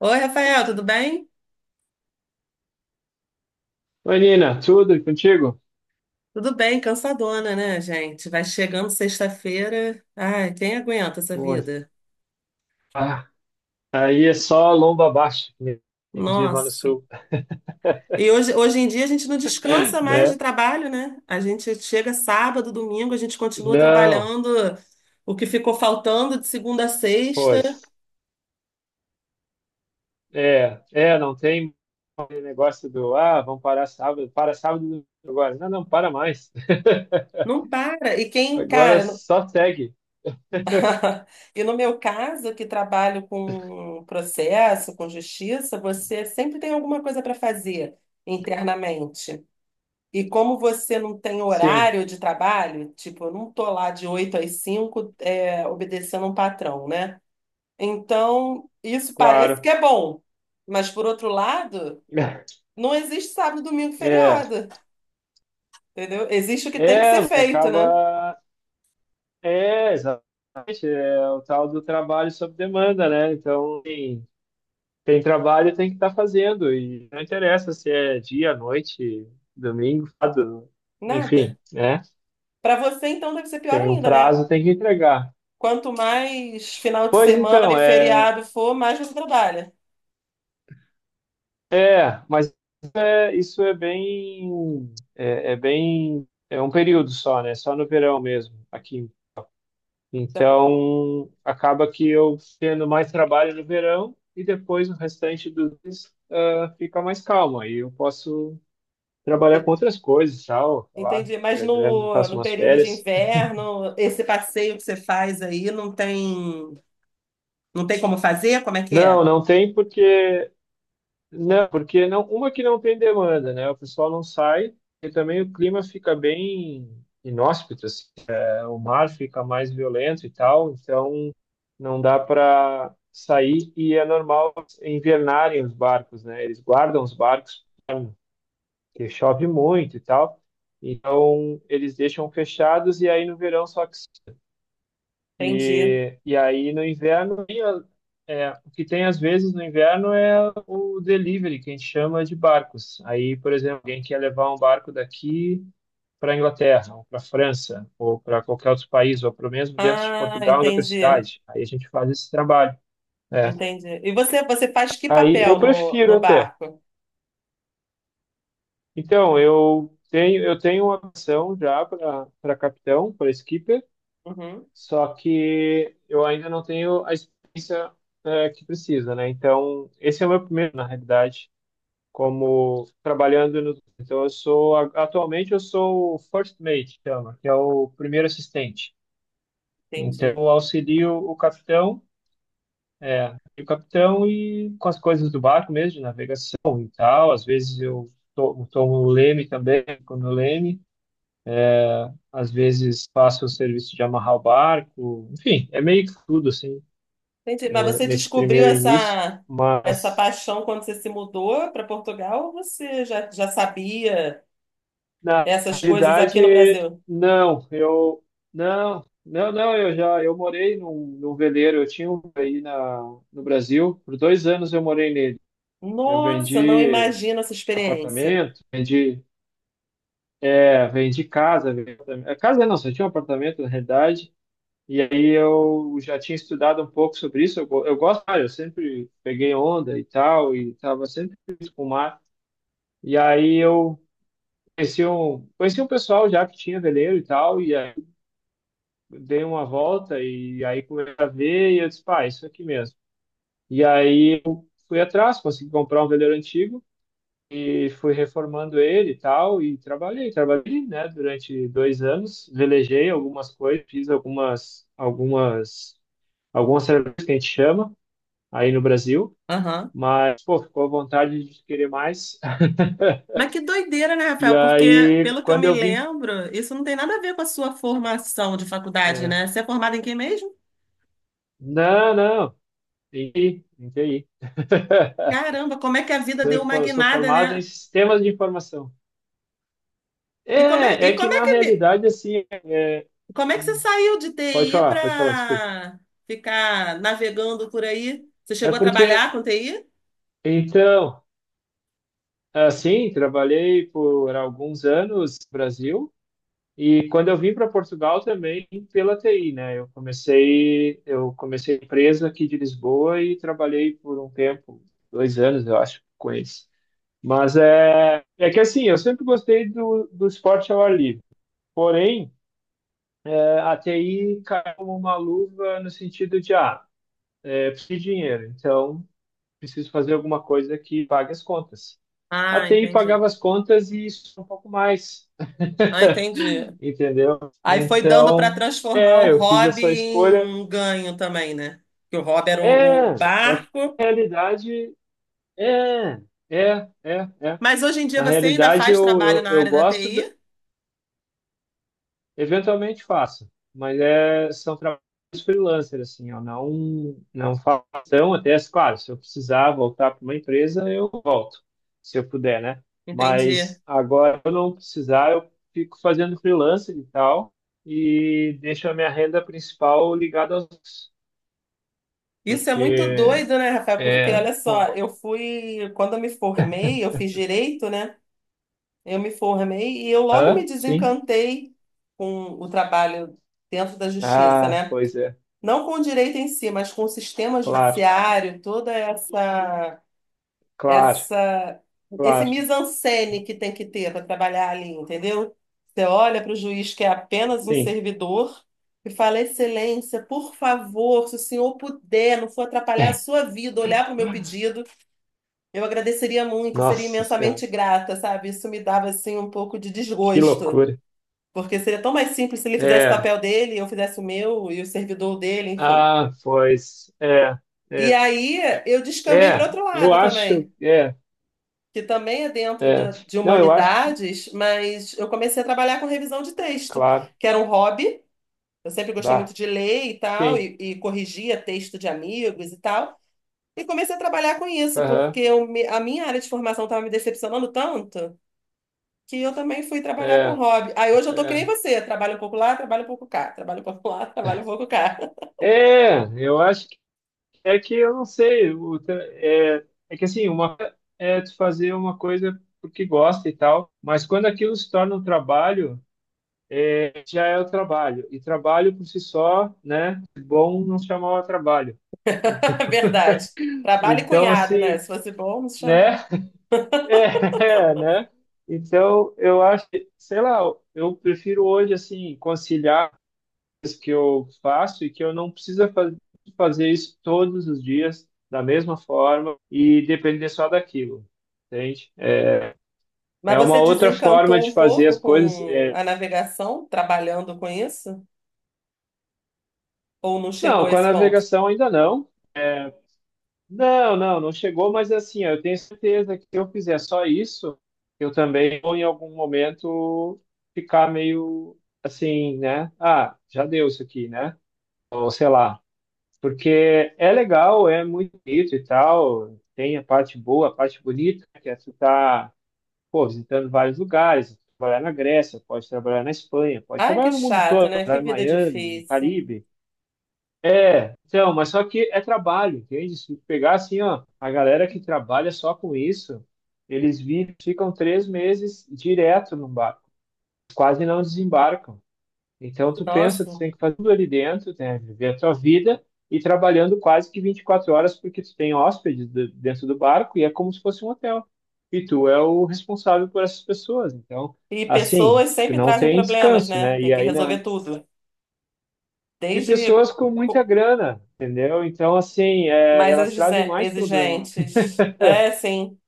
Oi, Rafael, tudo bem? Oi, Nina, tudo e contigo? Tudo bem, cansadona, né, gente? Vai chegando sexta-feira. Ai, quem aguenta essa Pois. vida? Ah, aí é só lomba abaixo, que nem diz lá no Nossa. sul, E hoje em dia a gente não descansa mais de né? trabalho, né? A gente chega sábado, domingo, a gente continua Não, trabalhando o que ficou faltando de segunda a sexta. pois. É, é, não tem aquele negócio do, ah, vamos parar sábado, para sábado agora. Não, não, para mais. Não para. E quem, Agora cara, só segue. e no meu caso, que trabalho com processo, com justiça, você sempre tem alguma coisa para fazer internamente. E como você não tem Sim, horário de trabalho, tipo, eu não tô lá de 8 às cinco, é, obedecendo um patrão, né? Então, isso parece que claro. é bom. Mas, por outro lado, não existe sábado, domingo, É, feriado, entendeu? Existe o que tem que é, ser feito, né? acaba. É, exatamente. É o tal do trabalho sob demanda, né? Então, assim, tem trabalho, tem que estar fazendo. E não interessa se é dia, noite, domingo, sábado, Nada. enfim, né? Para você, então, deve ser pior Tem um ainda, né? prazo, tem que entregar. Quanto mais final de Pois semana então, e é, feriado for, mais você trabalha. é, mas isso é bem, é um período só, né? Só no verão mesmo, aqui. Tá, Então, acaba que eu tendo mais trabalho no verão e depois o restante do mês, ah, fica mais calmo. Aí eu posso trabalhar com outras coisas, tal, sei lá, entendi. Mas da grana, no, faço no umas período de férias. inverno, esse passeio que você faz aí não tem. Não tem como fazer? Como é que Não, é? não tem porque não, uma que não tem demanda, né? O pessoal não sai e também o clima fica bem inóspito, assim. É, o mar fica mais violento e tal, então não dá para sair e é normal invernarem os barcos, né? Eles guardam os barcos porque chove muito e tal. Então eles deixam fechados e aí no verão só que Entendi. e aí no inverno, é, o que tem às vezes no inverno é o delivery, que a gente chama de barcos. Aí, por exemplo, alguém quer levar um barco daqui para a Inglaterra, ou para a França, ou para qualquer outro país, ou para mesmo dentro de Ah, Portugal, em outra entendi. cidade. Aí a gente faz esse trabalho. É. Entendi. E você faz que Aí eu papel no, prefiro no até. barco? Então, eu tenho uma opção já para capitão, para skipper. Uhum, Só que eu ainda não tenho a experiência, que precisa, né? Então, esse é o meu primeiro, na realidade, como trabalhando no. Então, eu sou, atualmente, eu sou o first mate, chama, que é o primeiro assistente. Então, entendi. eu auxilio é, o capitão e com as coisas do barco mesmo, de navegação e tal. Às vezes eu tomo o leme também, quando o leme. Às vezes faço o serviço de amarrar o barco, enfim, é meio que tudo assim. Entendi. Mas você Nesse descobriu primeiro início, essa mas paixão quando você se mudou para Portugal ou você já sabia? na Essas coisas aqui realidade, no Brasil. não, eu não, não, não, eu morei num veleiro, eu tinha um aí na, no Brasil, por 2 anos eu morei nele. Eu Nossa, não vendi imagino essa experiência. apartamento, vendi, vendi casa, vendi, apartamento. É, casa não, só tinha um apartamento na realidade. E aí eu já tinha estudado um pouco sobre isso. Eu gosto, ah, eu sempre peguei onda e tal, e estava sempre com o mar. E aí eu conheci um pessoal já que tinha veleiro e tal, e aí dei uma volta e aí comecei a ver e eu disse, pá, é isso aqui mesmo. E aí eu fui atrás, consegui comprar um veleiro antigo e fui reformando ele e tal, e trabalhei, trabalhei, né, durante 2 anos, velejei algumas coisas, fiz algumas serviços que a gente chama aí no Brasil, Aham. mas, pô, ficou à vontade de querer mais. Mas que doideira, né, E Rafael? Porque, aí, pelo que eu quando me eu vim, lembro, isso não tem nada a ver com a sua formação de faculdade, eh, né? Você é formado em quem mesmo? não, não, TI, em TI. Caramba, como é que a vida deu uma Eu sou guinada, formado em né? sistemas de informação. E É, é que como é na que, realidade, assim, é- como é que você hum, saiu de TI pode falar, desculpa. para ficar navegando por aí? Você É chegou a porque, trabalhar com TI? então, assim, trabalhei por alguns anos no Brasil e quando eu vim para Portugal também pela TI, né? Eu comecei a empresa aqui de Lisboa e trabalhei por um tempo, 2 anos, eu acho, com eles. Mas é, é que assim, eu sempre gostei do, do esporte ao ar livre. Porém, a TI caiu como uma luva no sentido de, ah, é, preciso de dinheiro, então preciso fazer alguma coisa que pague as contas. A Ah, TI entendi. pagava as contas e isso um pouco mais, Ah, entendi. entendeu? Aí foi dando para Então, transformar o é, eu fiz hobby essa em escolha. um ganho também, né? Que o hobby era o É, é que barco. na realidade, é, é, é, é. Mas hoje em dia Na você ainda realidade, faz eu, trabalho eu, na eu área da gosto, TI? eventualmente faço, mas é, são trabalhos freelancer, assim, eu não faço tão até, claro, se eu precisar voltar para uma empresa, eu volto, se eu puder, né? Mas Entendi. agora eu não precisar, eu fico fazendo freelancer e tal, e deixo a minha renda principal ligada aos... outros, Isso é muito porque, doido, né, Rafael? Porque é... olha só, pô, eu fui, quando eu me formei, eu fiz direito, né? Eu me formei e eu logo me hã? Sim? desencantei com o trabalho dentro da justiça, Ah, né? pois é, Não com o direito em si, mas com o sistema claro, judiciário, toda essa claro, essa esse claro, mise-en-scène que tem que ter para trabalhar ali, entendeu? Você olha para o juiz que é apenas um sim. servidor e fala: Excelência, por favor, se o senhor puder, não for atrapalhar a sua vida, olhar para o meu pedido, eu agradeceria muito, seria Nossa Senhora, imensamente grata, sabe? Isso me dava assim um pouco de que desgosto, loucura. porque seria tão mais simples se ele fizesse o É, papel dele, eu fizesse o meu e o servidor dele, enfim. ah, pois. É, E é, aí eu descambei para é, outro eu lado acho. também. É, Que também é dentro é. da, de Não, eu acho que. humanidades, mas eu comecei a trabalhar com revisão de texto, Claro, que era um hobby. Eu sempre gostei muito dá. de ler e tal, Sim. e corrigia texto de amigos e tal. E comecei a trabalhar com isso, porque Aham. eu a minha área de formação estava me decepcionando tanto que eu também fui trabalhar com É, hobby. Aí hoje eu tô que é. nem você, trabalho um pouco lá, trabalho um pouco cá, trabalho um pouco lá, trabalho um pouco cá. É, eu acho que é que eu não sei. É, é que assim, uma coisa é tu fazer uma coisa porque gosta e tal, mas quando aquilo se torna um trabalho, é, já é o trabalho. E trabalho por si só, né? Bom não se chamava trabalho. Então, Verdade. Trabalho e então cunhado, né? assim, Se fosse bom, não se chama. né? É, né? Então, eu acho que, sei lá, eu prefiro hoje, assim, conciliar as que eu faço e que eu não precisa fazer isso todos os dias da mesma forma e depender só daquilo, entende? Mas É você uma outra forma desencantou de um fazer as pouco coisas. com É. a navegação, trabalhando com isso? Ou não chegou Não, a com a esse ponto? navegação ainda não. Não, não, não chegou, mas assim, eu tenho certeza que se eu fizer só isso, eu também vou em algum momento ficar meio assim, né? Ah, já deu isso aqui, né? Ou sei lá. Porque é legal, é muito bonito e tal, tem a parte boa, a parte bonita, né? Que é tu tá, pô, visitando vários lugares, trabalhar na Grécia, pode trabalhar na Espanha, pode Ai, trabalhar que no mundo chato, todo, né? Que trabalhar em vida Miami, no difícil. Caribe, é, então, mas só que é trabalho, entende? Se pegar assim, ó, a galera que trabalha só com isso, eles vivem, ficam 3 meses direto no barco, quase não desembarcam. Então, tu pensa, tu Nossa. tem que fazer tudo ali dentro, né? Viver a tua vida e trabalhando quase que 24 horas, porque tu tem hóspedes dentro do barco e é como se fosse um hotel. E tu é o responsável por essas pessoas. Então, E assim, pessoas tu sempre não trazem tem problemas, descanso, né? né? Tem E que aí, na, resolver tudo. de Desde pessoas com muita co- grana, entendeu? Então, assim, é, mais elas trazem mais problema. exigentes. É, sim.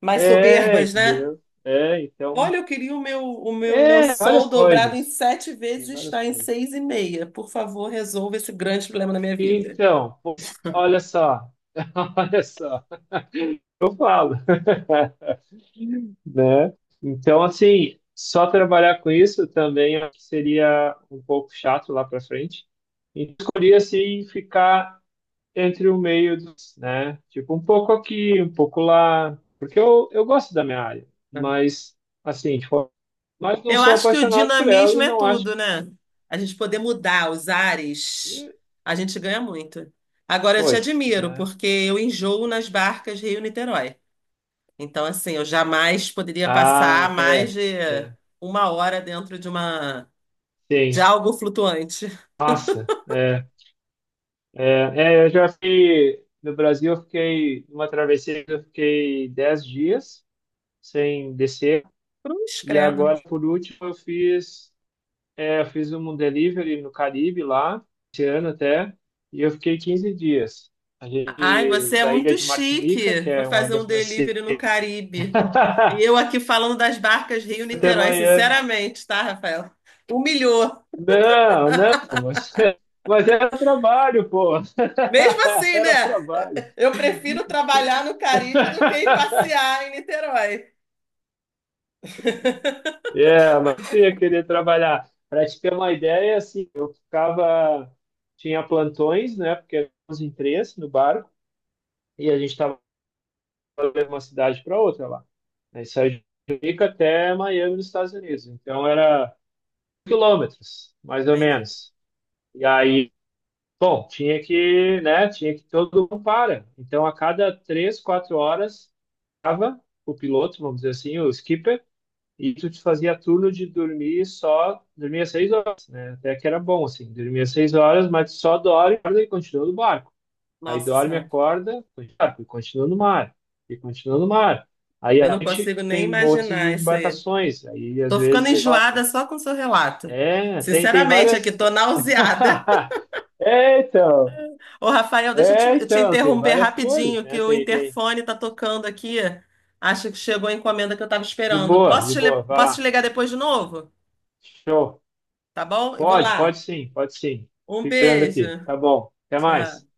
Mais É, soberbas, né? entendeu? É, então, Olha, eu queria o meu é, lençol várias dobrado em coisas. sete Tem vezes, várias está em coisas. seis e meia. Por favor, resolva esse grande problema na minha vida. Então, pois, olha só, olha só, eu falo, né? Então, assim, só trabalhar com isso também acho que seria um pouco chato lá para frente. E escolhi, assim, ficar entre o meio dos, né? Tipo, um pouco aqui, um pouco lá, porque eu gosto da minha área, É. mas assim, tipo, mas não Eu sou acho que o apaixonado por ela dinamismo e é não acho tudo, né? A gente poder mudar os ares, que, a gente ganha muito. Agora eu te pois, admiro, né? porque eu enjoo nas barcas Rio-Niterói. Então, assim, eu jamais poderia passar Ah, é, mais de é, uma hora dentro de uma de sim, algo flutuante. nossa, é, é, é, eu já fiquei, no Brasil eu fiquei, numa travessia eu fiquei 10 dias sem descer, Cruz, e credo. agora, por último, eu fiz é, eu fiz um delivery no Caribe lá, esse ano até, e eu fiquei 15 dias. A Ai, gente, você é da ilha muito de Martinica, que chique. Foi é uma fazer ilha um francesa, delivery no Caribe. E eu aqui falando das barcas até Rio-Niterói, Miami. sinceramente, tá, Rafael? Humilhou. Não, não, mas era trabalho, pô. Mesmo assim, Era né? trabalho. Eu prefiro trabalhar no Caribe do que ir passear em Niterói. É, mas eu ia querer trabalhar. Para te ter uma ideia, assim, eu ficava, tinha plantões, né, porque eram os imprensa no barco, e a gente estava de uma cidade para outra lá. Aí saía de Rica até Miami, nos Estados Unidos. Então era quilômetros, mais ou Entendi. menos. E aí, bom, tinha que, né, tinha que todo mundo para. Então a cada 3, 4 horas, tava o piloto, vamos dizer assim, o skipper, e tu te fazia turno de dormir só, dormia seis horas, né? Até que era bom, assim, dormia seis horas, mas só dorme e continua no barco. Aí Nossa dorme, Senhora, acorda, ah, e continua no mar, e continua no mar. Aí eu a não gente consigo nem tem outras imaginar isso aí. embarcações, aí às Tô ficando vezes é enjoada rota. só com o seu relato. É, tem, tem Sinceramente, aqui várias. tô nauseada. É, então, Ô, Rafael, deixa é, eu te então, tem interromper várias coisas, rapidinho, que né? o Tem, tem. interfone tá tocando aqui. Acho que chegou a encomenda que eu tava esperando. Posso De boa, vai posso te lá. ligar depois de novo? Show. Tá bom? Eu vou Pode, lá. pode sim, pode sim. Um Ficando beijo. aqui. Tá bom. Até mais. Tchau.